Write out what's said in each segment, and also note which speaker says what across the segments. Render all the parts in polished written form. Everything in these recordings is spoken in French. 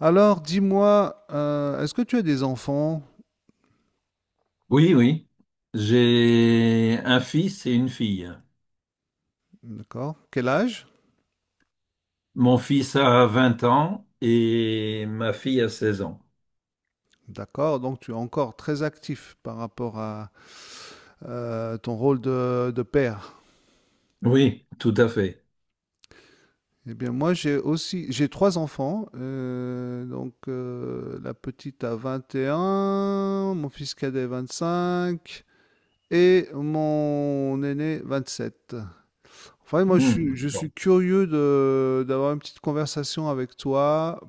Speaker 1: Alors, dis-moi, est-ce que tu as des enfants?
Speaker 2: Oui, oui. J'ai un fils et une fille.
Speaker 1: D'accord. Quel âge?
Speaker 2: Mon fils a 20 ans et ma fille a 16 ans.
Speaker 1: D'accord. Donc, tu es encore très actif par rapport à ton rôle de père.
Speaker 2: Oui, tout à fait.
Speaker 1: Eh bien, moi, j'ai aussi, j'ai trois enfants. Donc, la petite a 21, mon fils cadet 25 et mon aîné 27. Enfin, moi, je
Speaker 2: Hmm,
Speaker 1: suis, je
Speaker 2: d'accord.
Speaker 1: suis curieux d'avoir une petite conversation avec toi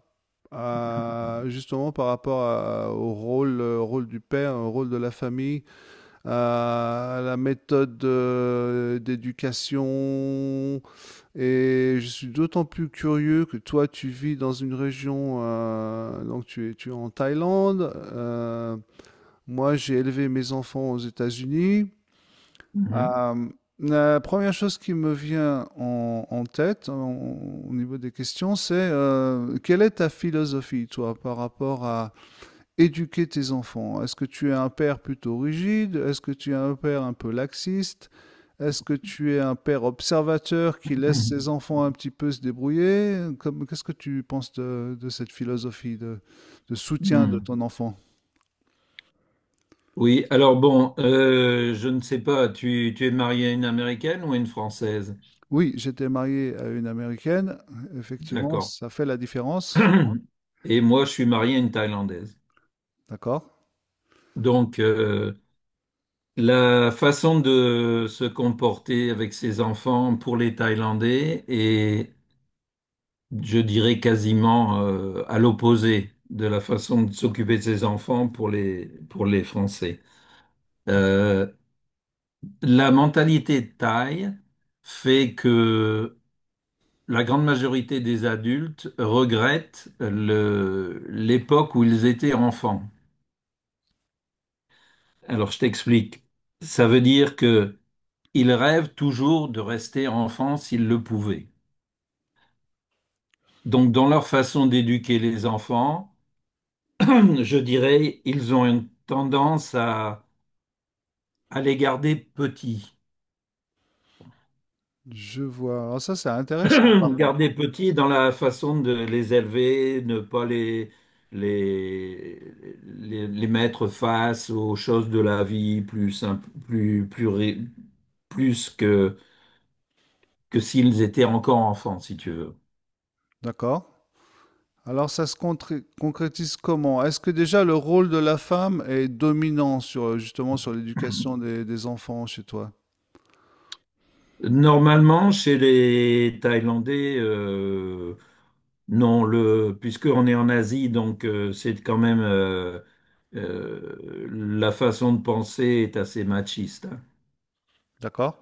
Speaker 1: justement par rapport au rôle, rôle du père, au rôle de la famille, à la méthode, d'éducation. Et je suis d'autant plus curieux que toi, tu vis dans une région, donc tu es en Thaïlande. Moi, j'ai élevé mes enfants aux États-Unis.
Speaker 2: Mhm,
Speaker 1: Euh, la première chose qui me vient en tête, au niveau des questions, c'est quelle est ta philosophie, toi, par rapport à, éduquer tes enfants. Est-ce que tu es un père plutôt rigide? Est-ce que tu es un père un peu laxiste? Est-ce que tu es un père observateur qui laisse
Speaker 2: mhm,
Speaker 1: ses enfants un petit peu se débrouiller? Qu'est-ce que tu penses de cette philosophie de soutien de
Speaker 2: mhm.
Speaker 1: ton enfant?
Speaker 2: Oui, alors bon, je ne sais pas, tu es marié à une Américaine ou à une Française?
Speaker 1: Oui, j'étais marié à une Américaine. Effectivement,
Speaker 2: D'accord.
Speaker 1: ça fait la différence.
Speaker 2: Et moi, je suis marié à une Thaïlandaise.
Speaker 1: D'accord.
Speaker 2: Donc, la façon de se comporter avec ses enfants pour les Thaïlandais est, je dirais, quasiment à l'opposé de la façon de s'occuper de ses enfants pour les Français. Euh, la mentalité thaï fait que la grande majorité des adultes regrettent l'époque où ils étaient enfants. Alors je t'explique. Ça veut dire que ils rêvent toujours de rester enfants s'ils le pouvaient. Donc dans leur façon d'éduquer les enfants, je dirais, ils ont une tendance à les garder petits.
Speaker 1: Je vois. Alors ça, c'est intéressant.
Speaker 2: Garder petits dans la façon de les élever, ne pas les, les mettre face aux choses de la vie plus simple, plus que, s'ils étaient encore enfants, si tu veux.
Speaker 1: D'accord. Alors ça se concrétise comment? Est-ce que déjà le rôle de la femme est dominant sur, justement sur l'éducation des enfants chez toi?
Speaker 2: Normalement, chez les Thaïlandais, non, puisqu'on est en Asie, donc c'est quand même la façon de penser est assez machiste, hein.
Speaker 1: D'accord?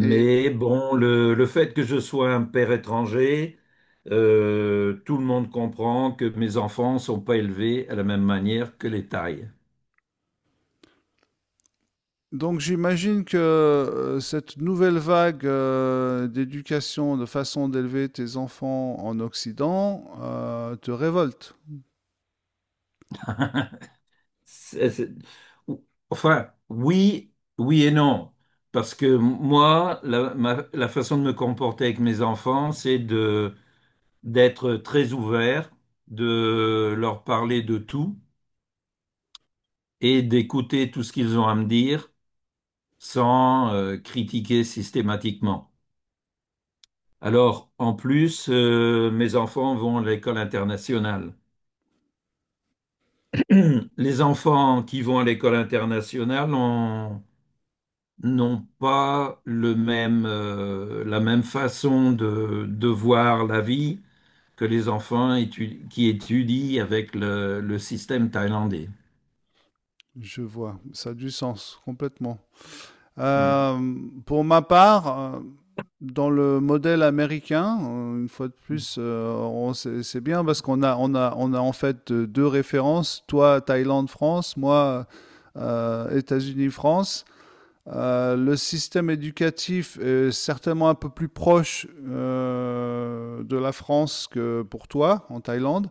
Speaker 1: Et
Speaker 2: bon, le fait que je sois un père étranger, tout le monde comprend que mes enfants ne sont pas élevés à la même manière que les Thaïs.
Speaker 1: donc j'imagine que, cette nouvelle vague, d'éducation, de façon d'élever tes enfants en Occident, te révolte.
Speaker 2: C'est- c'est- Enfin, oui, oui et non. Parce que moi, la façon de me comporter avec mes enfants, c'est de, d'être très ouvert, de leur parler de tout et d'écouter tout ce qu'ils ont à me dire sans, critiquer systématiquement. Alors, en plus, mes enfants vont à l'école internationale. Les enfants qui vont à l'école internationale ont- N'ont pas le même, la même façon de voir la vie que qui étudient avec le système thaïlandais.
Speaker 1: Je vois, ça a du sens complètement.
Speaker 2: Mm.
Speaker 1: Euh, pour ma part, dans le modèle américain, une fois de plus, on c'est bien parce qu'on a en fait, 2 références. Toi, Thaïlande, France, moi, États-Unis, France. Le système éducatif est certainement un peu plus proche, de la France que pour toi, en Thaïlande,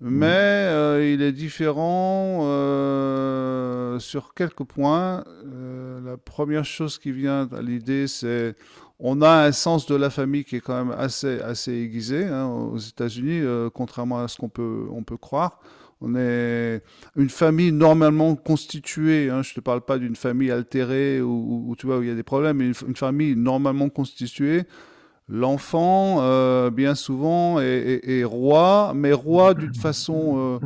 Speaker 1: mais
Speaker 2: Mm.
Speaker 1: il est différent, sur quelques points. La première chose qui vient à l'idée, c'est on a un sens de la famille qui est quand même assez aiguisé, hein, aux États-Unis, contrairement à ce qu'on peut croire. On est une famille normalement constituée. Hein, je ne te parle pas d'une famille altérée ou tu vois où il y a des problèmes, mais une famille normalement constituée. L'enfant, bien souvent, est roi, mais roi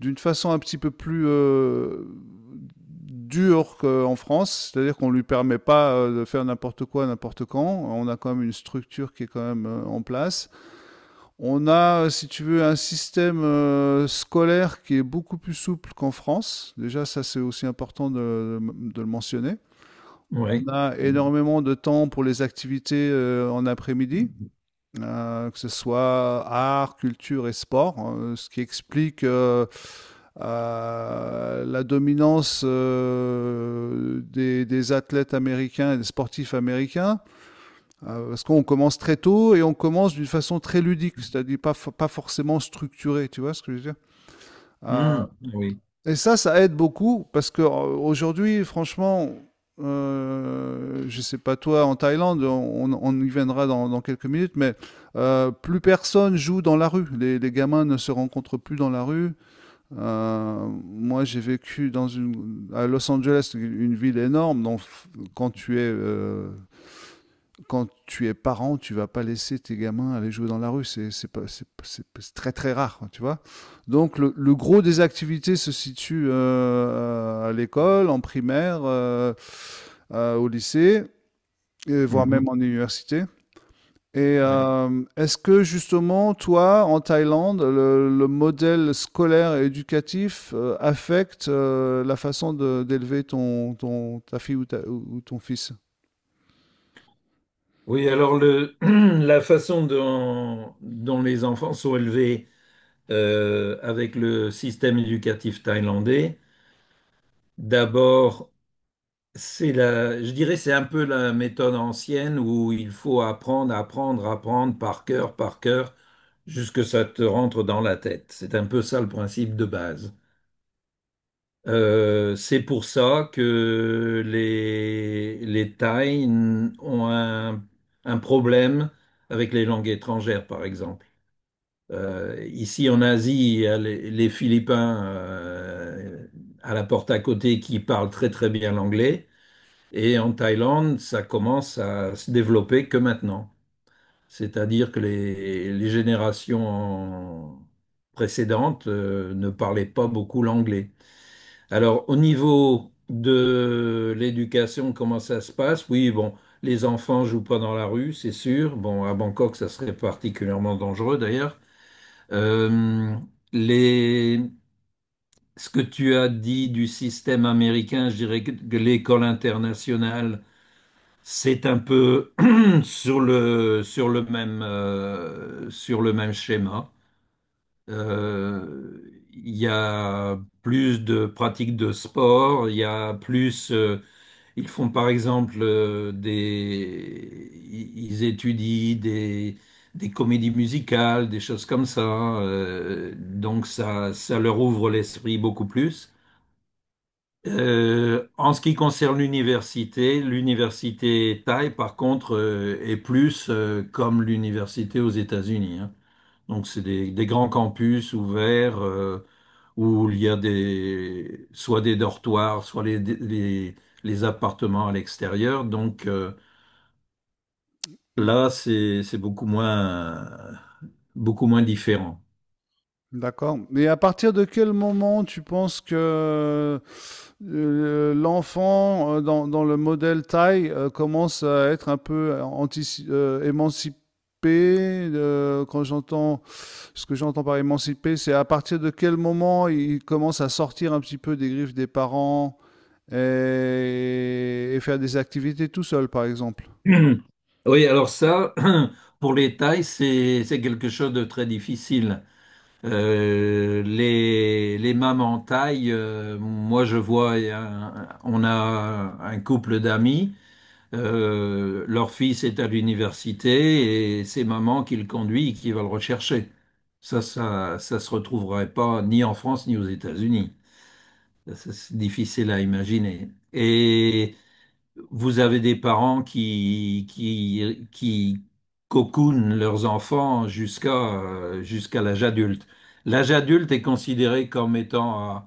Speaker 1: d'une façon un petit peu plus, dure qu'en France. C'est-à-dire qu'on ne lui permet pas, de faire n'importe quoi, n'importe quand. On a quand même une structure qui est quand même, en place. On a, si tu veux, un système, scolaire qui est beaucoup plus souple qu'en France. Déjà, ça, c'est aussi important de le mentionner. On
Speaker 2: Oui.
Speaker 1: a énormément de temps pour les activités, en après-midi, que ce soit art, culture et sport, ce qui explique, la dominance, des athlètes américains et des sportifs américains, parce qu'on commence très tôt et on commence d'une façon très ludique, c'est-à-dire pas forcément structurée, tu vois ce que je veux dire. Euh,
Speaker 2: Mm. Oui.
Speaker 1: et ça aide beaucoup parce que, aujourd'hui, franchement, je sais pas toi en Thaïlande, on y viendra dans quelques minutes, mais plus personne joue dans la rue. Les gamins ne se rencontrent plus dans la rue. Moi, j'ai vécu à Los Angeles, une ville énorme. Donc, quand tu es euh, quand tu es parent, tu vas pas laisser tes gamins aller jouer dans la rue. C'est très très rare, hein, tu vois. Donc le gros des activités se situe, à l'école, en primaire, au lycée, et voire
Speaker 2: Mhm.
Speaker 1: même en université. Et
Speaker 2: Oui.
Speaker 1: est-ce que justement, toi, en Thaïlande, le modèle scolaire et éducatif, affecte, la façon d'élever ta fille ou ton fils?
Speaker 2: Oui, alors la façon dont les enfants sont élevés avec le système éducatif thaïlandais. D'abord, c'est je dirais, c'est un peu la méthode ancienne où il faut apprendre, apprendre, apprendre par cœur, jusque ça te rentre dans la tête. C'est un peu ça le principe de base. C'est pour ça que les Thaïs ont un problème avec les langues étrangères, par exemple. Ici en Asie, il y a les Philippins à la porte à côté qui parlent très très bien l'anglais. Et en Thaïlande, ça commence à se développer que maintenant. C'est-à-dire que les générations précédentes ne parlaient pas beaucoup l'anglais. Alors au niveau de l'éducation, comment ça se passe? Oui, bon, les enfants jouent pas dans la rue, c'est sûr. Bon, à Bangkok, ça serait particulièrement dangereux d'ailleurs. Euh, les, Ce que tu as dit du système américain, je dirais que l'école internationale, c'est un peu sur sur le même schéma. Euh, Il y a plus de pratiques de sport, il y a plus ils font par exemple ils étudient des comédies musicales, des choses comme ça. Donc ça leur ouvre l'esprit beaucoup plus. En ce qui concerne l'université, l'université Thaï, par contre, est plus comme l'université aux États-Unis, hein. Donc, c'est des grands campus ouverts où il y a des, soit des dortoirs, soit les appartements à l'extérieur. Donc, là, c'est beaucoup moins différent.
Speaker 1: D'accord. Mais à partir de quel moment tu penses que, l'enfant, dans le modèle taille, commence à être un peu, émancipé? Quand j'entends ce que j'entends par émancipé, c'est à partir de quel moment il commence à sortir un petit peu des griffes des parents et faire des activités tout seul, par exemple.
Speaker 2: Oui, alors ça, pour les tailles, c'est quelque chose de très difficile. Les mamans taille, je vois, on a un couple d'amis. Leur fils est à l'université et c'est maman qui le conduit et qui va le rechercher. Ça se retrouverait pas ni en France ni aux États-Unis. Ça, c'est difficile à imaginer. Et vous avez des parents qui cocoonent leurs enfants jusqu'à jusqu'à l'âge adulte. L'âge adulte est considéré comme étant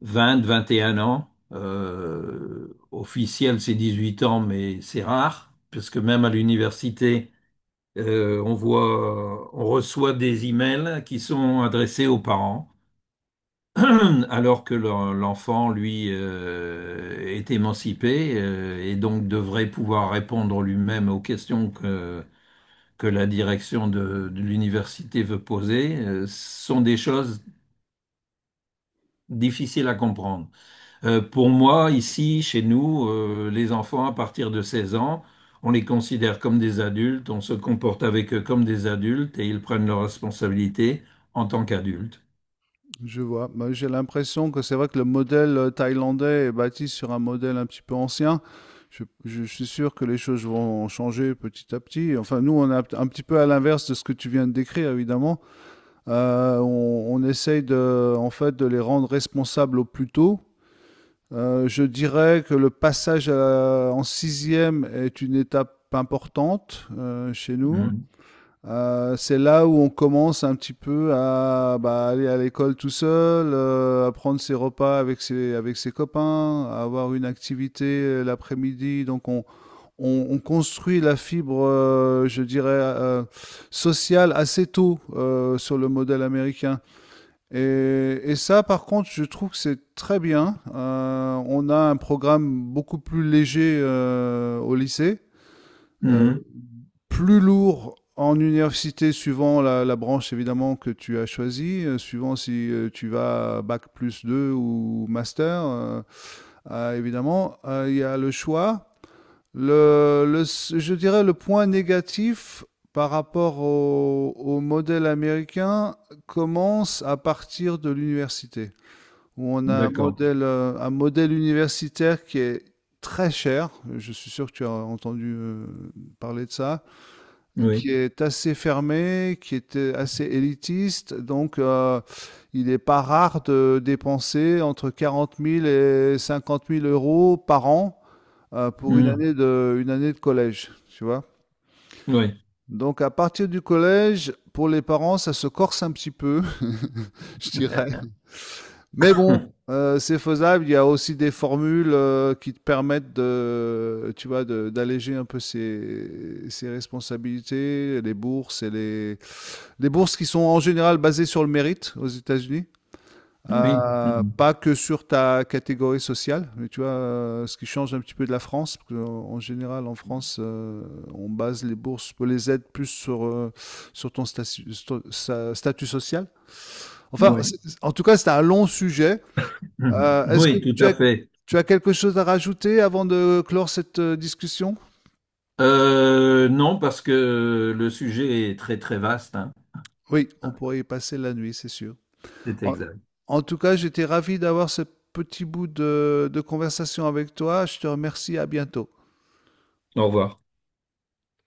Speaker 2: vingt, vingt et un ans. Officiel, c'est 18 ans, mais c'est rare, parce que même à l'université, on voit, on reçoit des emails qui sont adressés aux parents, alors que l'enfant, lui, est émancipé, et donc devrait pouvoir répondre lui-même aux questions que la direction de l'université veut poser, sont des choses difficiles à comprendre. Pour moi, ici, chez nous, les enfants, à partir de 16 ans, on les considère comme des adultes, on se comporte avec eux comme des adultes et ils prennent leurs responsabilités en tant qu'adultes.
Speaker 1: Je vois. Bah, j'ai l'impression que c'est vrai que le modèle, thaïlandais est bâti sur un modèle un petit peu ancien. Je suis sûr que les choses vont changer petit à petit. Enfin, nous, on est un petit peu à l'inverse de ce que tu viens de décrire, évidemment. On essaye de, en fait, de les rendre responsables au plus tôt. Je dirais que le passage en sixième est une étape importante, chez nous.
Speaker 2: Mhm.
Speaker 1: C'est là où on commence un petit peu à, bah, aller à l'école tout seul, à prendre ses repas avec ses copains, à avoir une activité, l'après-midi. Donc on construit la fibre, je dirais, sociale assez tôt, sur le modèle américain. Et ça, par contre, je trouve que c'est très bien. On a un programme beaucoup plus léger, au lycée. Euh,
Speaker 2: Mhm.
Speaker 1: Plus lourd en université, suivant la branche évidemment que tu as choisie, suivant si, tu vas bac plus 2 ou master, évidemment, il y a le choix. Le Je dirais, le point négatif par rapport au modèle américain commence à partir de l'université, où on a
Speaker 2: D'accord.
Speaker 1: un modèle universitaire qui est très cher. Je suis sûr que tu as entendu, parler de ça
Speaker 2: Oui.
Speaker 1: qui est assez fermé, qui est, assez élitiste. Donc, il n'est pas rare de dépenser entre 40 000 et 50 000 euros par an, pour
Speaker 2: Mhm.
Speaker 1: une année de collège, tu vois.
Speaker 2: Oui.
Speaker 1: Donc, à partir du collège, pour les parents, ça se corse un petit peu, je dirais. Mais bon, c'est faisable. Il y a aussi des formules, qui te permettent de, tu vois, d'alléger un peu ses responsabilités, les bourses et les, Des bourses qui sont en général basées sur le mérite aux États-Unis,
Speaker 2: Oui. Mhm.
Speaker 1: pas que sur ta catégorie sociale, mais tu vois, ce qui change un petit peu de la France, parce que, en général, en France, on base les bourses, les aides plus sur, sur ton statu- sto- sa- statut social. Enfin,
Speaker 2: Oui.
Speaker 1: en tout cas, c'est un long sujet.
Speaker 2: Mhm.
Speaker 1: Est-ce que
Speaker 2: Oui, tout
Speaker 1: tu
Speaker 2: à
Speaker 1: as,
Speaker 2: fait.
Speaker 1: tu as quelque chose à rajouter avant de clore cette, discussion?
Speaker 2: Non, parce que le sujet est très, très vaste, hein.
Speaker 1: Oui, on pourrait y passer la nuit, c'est sûr.
Speaker 2: C'est
Speaker 1: En,
Speaker 2: exact.
Speaker 1: en tout cas, j'étais ravi d'avoir ce petit bout de conversation avec toi. Je te remercie. À bientôt.
Speaker 2: Au revoir.